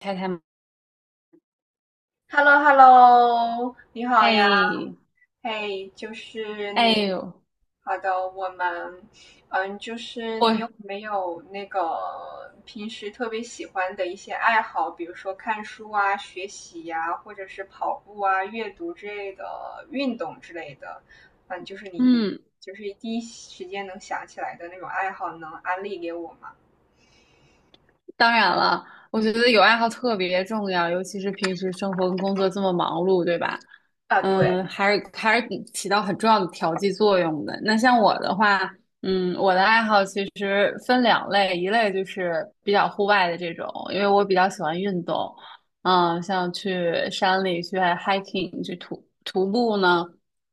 太太，嘛？h e l l o h e l l o 你好呀，哎。嘿，就是哎你，呦，好的，我们，就是我你有没有那个平时特别喜欢的一些爱好，比如说看书啊、学习呀、或者是跑步啊、阅读之类的、运动之类的，就是你嗯，就是第一时间能想起来的那种爱好，能安利给我吗？当然了，我觉得有爱好特别重要，尤其是平时生活跟工作这么忙碌，对吧？啊，对，嗯，还是起到很重要的调剂作用的。那像我的话，嗯，我的爱好其实分两类，一类就是比较户外的这种，因为我比较喜欢运动，嗯，像去山里去 hiking 去徒步呢。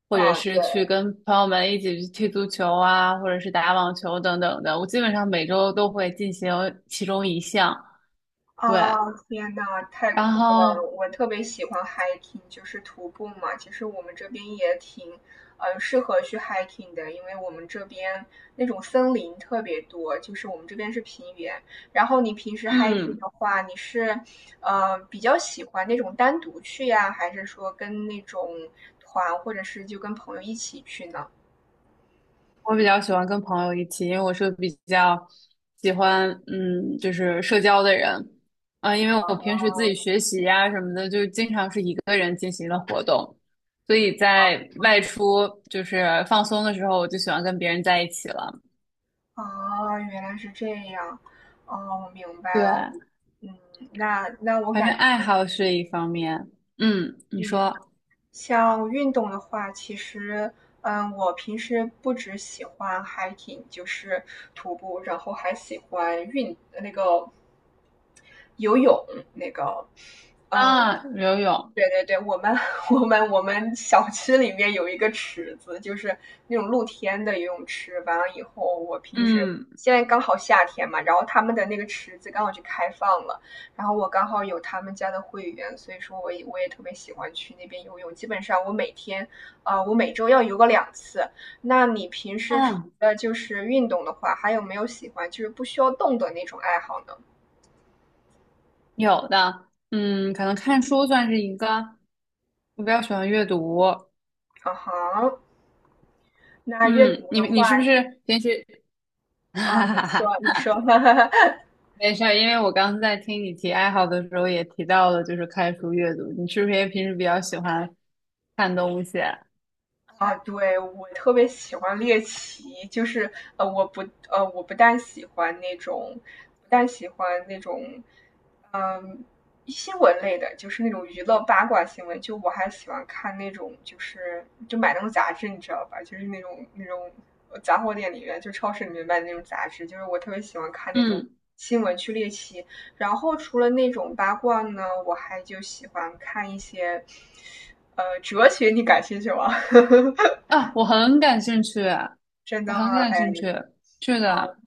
或者是对。去跟朋友们一起去踢足球啊，或者是打网球等等的。我基本上每周都会进行其中一项。啊，对，天呐，太然酷了！后，我特别喜欢 hiking，就是徒步嘛。其实我们这边也挺，适合去 hiking 的，因为我们这边那种森林特别多，就是我们这边是平原。然后你平时 hiking 嗯，的话，你是，比较喜欢那种单独去呀，还是说跟那种团，或者是就跟朋友一起去呢？我比较喜欢跟朋友一起，因为我是比较喜欢，就是社交的人。啊，因为我平时自己学习呀、什么的，就经常是一个人进行的活动，所以在外出就是放松的时候，我就喜欢跟别人在一起了。啊，原来是这样。哦，我明白对，了。嗯，那我反正感，爱好是一方面。你嗯。说像运动的话，其实，我平时不只喜欢 hiking，就是徒步，然后还喜欢那个游泳，那个，嗯，啊。游泳，对对对，我们 我们小区里面有一个池子，就是那种露天的游泳池。完了以后，我平时嗯现在刚好夏天嘛，然后他们的那个池子刚好就开放了，然后我刚好有他们家的会员，所以说我也特别喜欢去那边游泳。基本上我每天，我每周要游个2次。那你平时除嗯，了就是运动的话，还有没有喜欢就是不需要动的那种爱好呢？有的。嗯，可能看书算是一个，我比较喜欢阅读。啊哈，那阅嗯，读你的话。你是不是平时，啊，哈你哈哈，说，你说，哈哈哈。没事儿，因为我刚在听你提爱好的时候也提到了，就是看书阅读，你是不是也平时比较喜欢看东西？啊，对，我特别喜欢猎奇，就是呃，我不我不但喜欢那种，嗯，新闻类的，就是那种娱乐八卦新闻，就我还喜欢看那种，就是就买那种杂志，你知道吧？就是那种杂货店里面，就超市里面卖的那种杂志，就是我特别喜欢看那种嗯，新闻去猎奇。然后除了那种八卦呢，我还就喜欢看一些，哲学，你感兴趣吗？啊，我很感兴趣啊，真的我很吗？感哎，兴趣，是的。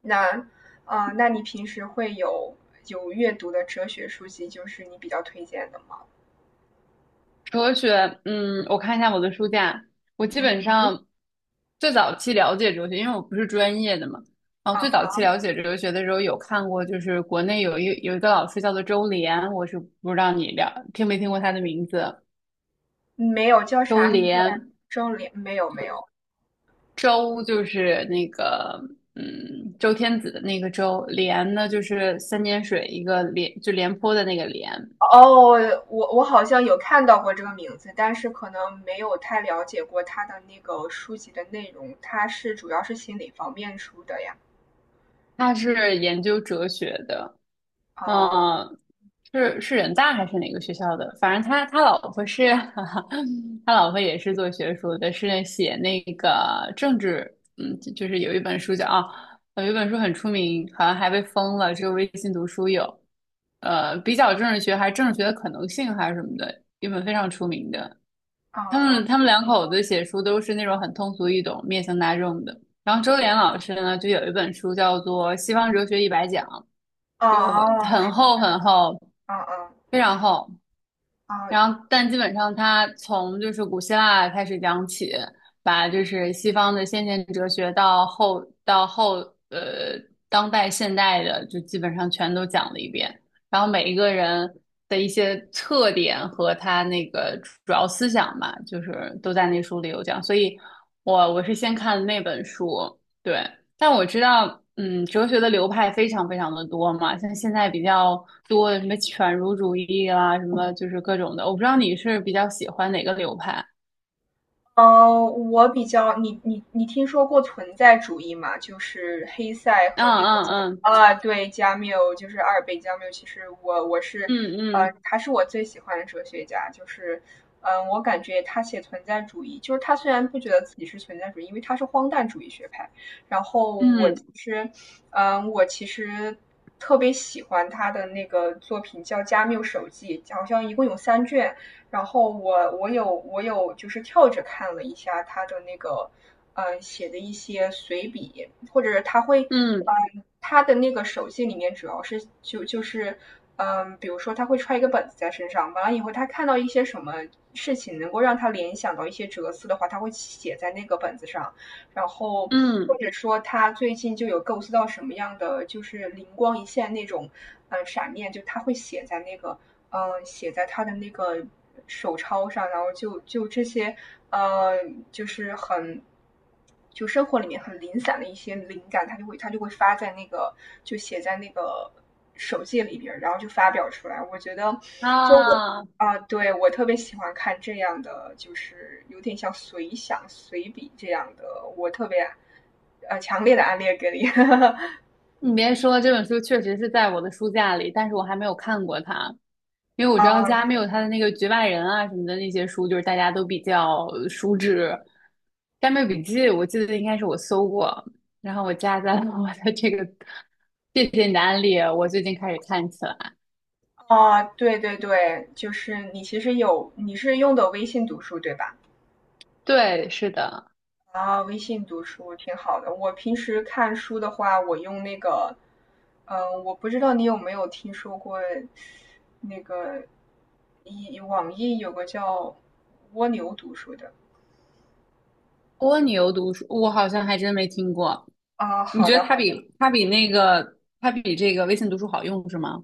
那，啊，那你平时会有阅读的哲学书籍，就是你比较推荐的吗？哲学，我看一下我的书架。我基本上最早期了解哲学，因为我不是专业的嘛。然后最早啊，期了解哲学的时候有看过，就是国内有一个老师叫做周濂，我是不知道你了听没听过他的名字。没有，叫周啥名字来着？濂。周濂？没有，没有。周就是那个，周天子的那个周；濂呢就是三点水一个廉，就廉颇的那个廉。哦，我好像有看到过这个名字，但是可能没有太了解过他的那个书籍的内容。他是主要是心理方面出的呀。他是研究哲学的。啊嗯，是人大还是哪个学校的？反正他老婆是，他老婆也是做学术的，是写那个政治。就是有一本书叫啊。有一本书很出名，好像还被封了，只有微信读书有，比较政治学还是政治学的可能性还是什么的，一本非常出名的。他啊们他们两口子写书都是那种很通俗易懂、面向大众的。然后周濂老师呢，就有一本书叫做《西方哲学一百讲》。就啊！很是厚很厚，啊啊非常厚。啊！哦然后，但基本上它从就是古希腊开始讲起，把就是西方的先贤哲学到后呃当代现代的，就基本上全都讲了一遍。然后每一个人的一些特点和他那个主要思想吧，就是都在那书里有讲。所以我是先看那本书，对。但我知道，嗯，哲学的流派非常非常的多嘛，像现在比较多的什么犬儒主义啦，什么就是各种的。我不知道你是比较喜欢哪个流派？嗯，我比较你听说过存在主义吗？就是黑塞嗯和那个嗯嗯啊，对，加缪，就是阿尔贝加缪。其实我是嗯他是我最喜欢的哲学家。就是我感觉他写存在主义，就是他虽然不觉得自己是存在主义，因为他是荒诞主义学派。然后嗯我其实特别喜欢他的那个作品叫《加缪手记》，好像一共有3卷。然后我有就是跳着看了一下他的那个写的一些随笔，或者是他会嗯他的那个手记里面主要是就是比如说他会揣一个本子在身上，完了以后他看到一些什么事情能够让他联想到一些哲思的话，他会写在那个本子上。然后嗯或嗯。者说他最近就有构思到什么样的就是灵光一现那种，闪念，就他会写在那个，写在他的那个手抄上，然后就这些，呃，就是很。就生活里面很零散的一些灵感，他就会发在那个就写在那个手记里边，然后就发表出来。我觉得，就我。啊，啊，对，我特别喜欢看这样的，就是有点像随想、随笔这样的，我特别强烈的安利给你。你别说，这本书确实是在我的书架里，但是我还没有看过它，因为我知啊道家没有他的那个《局外人》啊什么的那些书，就是大家都比较熟知。《干妹笔记》我记得应该是我搜过，然后我加在了我的这个，谢谢你的安利，我最近开始看起来。啊，对对对，就是你其实你是用的微信读书对吧？对，是的。啊，微信读书挺好的。我平时看书的话，我用那个，我不知道你有没有听说过那个网易有个叫蜗牛读书的。蜗牛读书，我好像还真没听过。啊，你好觉的得它比这个微信读书好用是吗？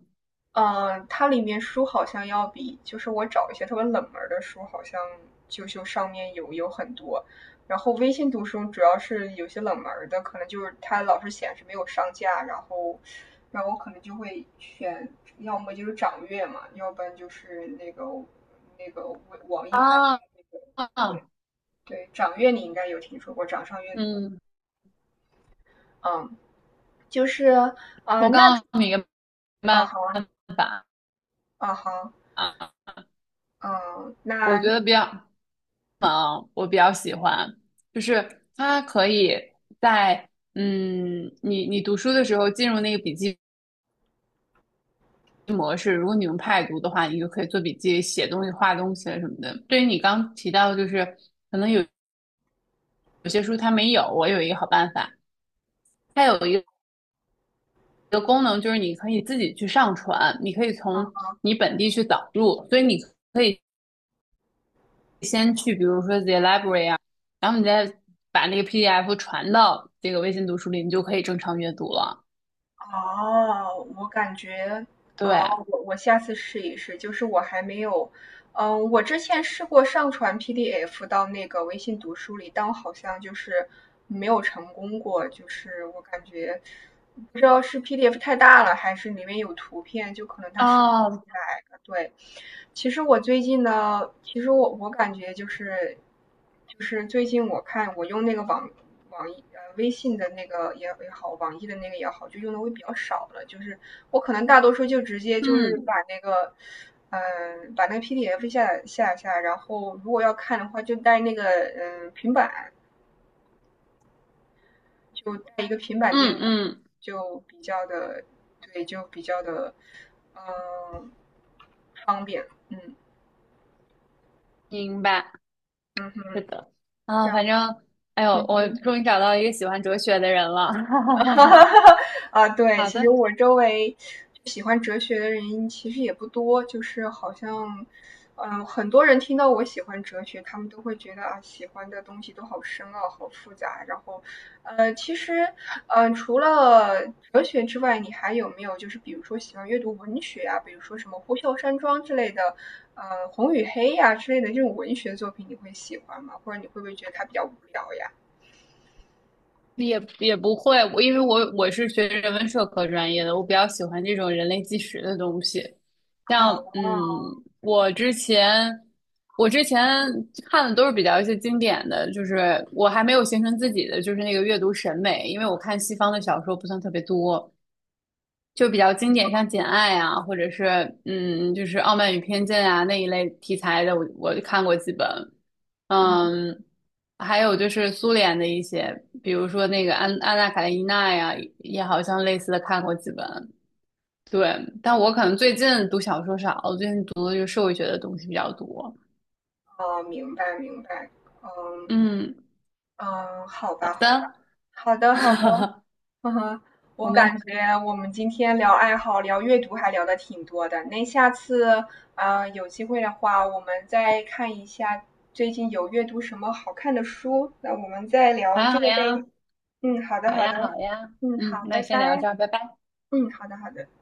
嗯，它里面书好像要比，就是我找一些特别冷门的书，好像就上面有很多。然后微信读书主要是有些冷门的，可能就是它老是显示没有上架，然后我可能就会选，要么就是掌阅嘛，要不然就是那个网啊易开发的那个，对啊，对，掌阅你应该有听说过，掌上阅读，嗯，嗯，就是啊、我那刚刚明啊慢好啊法啊好，啊。嗯，我那觉得比较，我比较喜欢，就是它可以在，你读书的时候进入那个笔记模式。如果你用 Pad 读的话，你就可以做笔记、写东西、画东西什么的。对于你刚提到，就是有些书它没有，我有一个好办法，它有一个功能就是你可以自己去上传，你可以从你本地去导入，所以你。可以。先去，比如说 the library 啊，然后你再把那个 PDF 传到这个微信读书里，你就可以正常阅读了。哦，我感觉，哦，对，我下次试一试。就是我还没有，我之前试过上传 PDF 到那个微信读书里，但我好像就是没有成功过。就是我感觉，不知道是 PDF 太大了，还是里面有图片，就可能它识别不出哦，来。对，其实我最近呢，其实我感觉就是，就是最近我看我用那个网易微信的那个也好，网易的那个也好，就用的会比较少了。就是我可能大多数就直接就是嗯把那个，把那个 PDF 下载下来然后如果要看的话，就带那个平板，就带一个平板电嗯脑，嗯，就比较的对，就比较的嗯、方便。嗯明白，嗯是哼，的。啊，然后反正，哎嗯呦，我哼。终于找到一个喜欢哲学的人了。哈 哈哈哈哈哈。哈哈啊，对，好其实的。我周围喜欢哲学的人其实也不多，就是好像，很多人听到我喜欢哲学，他们都会觉得啊，喜欢的东西都好深奥、好复杂。然后，其实，除了哲学之外，你还有没有就是比如说喜欢阅读文学啊，比如说什么《呼啸山庄》之类的，呃，《红与黑》呀之类的这种文学作品，你会喜欢吗？或者你会不会觉得它比较无聊呀？也不会，我因为我是学人文社科专业的，我比较喜欢这种人类纪实的东西。啊，像，嗯，我之前看的都是比较一些经典的，就是我还没有形成自己的就是那个阅读审美，因为我看西方的小说不算特别多，就比较经典，像《简爱》啊，或者是，嗯，就是《傲慢与偏见》啊那一类题材的，我我看过几本。嗯。嗯，还有就是苏联的一些，比如说那个安《安娜卡列尼娜》呀，也好像类似的看过几本。对，但我可能最近读小说少，我最近读的就是社会学的东西比较多。哦，明白明白，嗯嗯，嗯，好好吧好吧，的。好的好的，嗯哼，我我感们觉我们今天聊爱好、聊阅读还聊的挺多的。那下次，有机会的话，我们再看一下最近有阅读什么好看的书，那我们再聊还这好个呗。呀，嗯，好的好好呀，的，好呀。嗯嗯，好，那拜先聊拜，这儿，拜拜。嗯好的好的。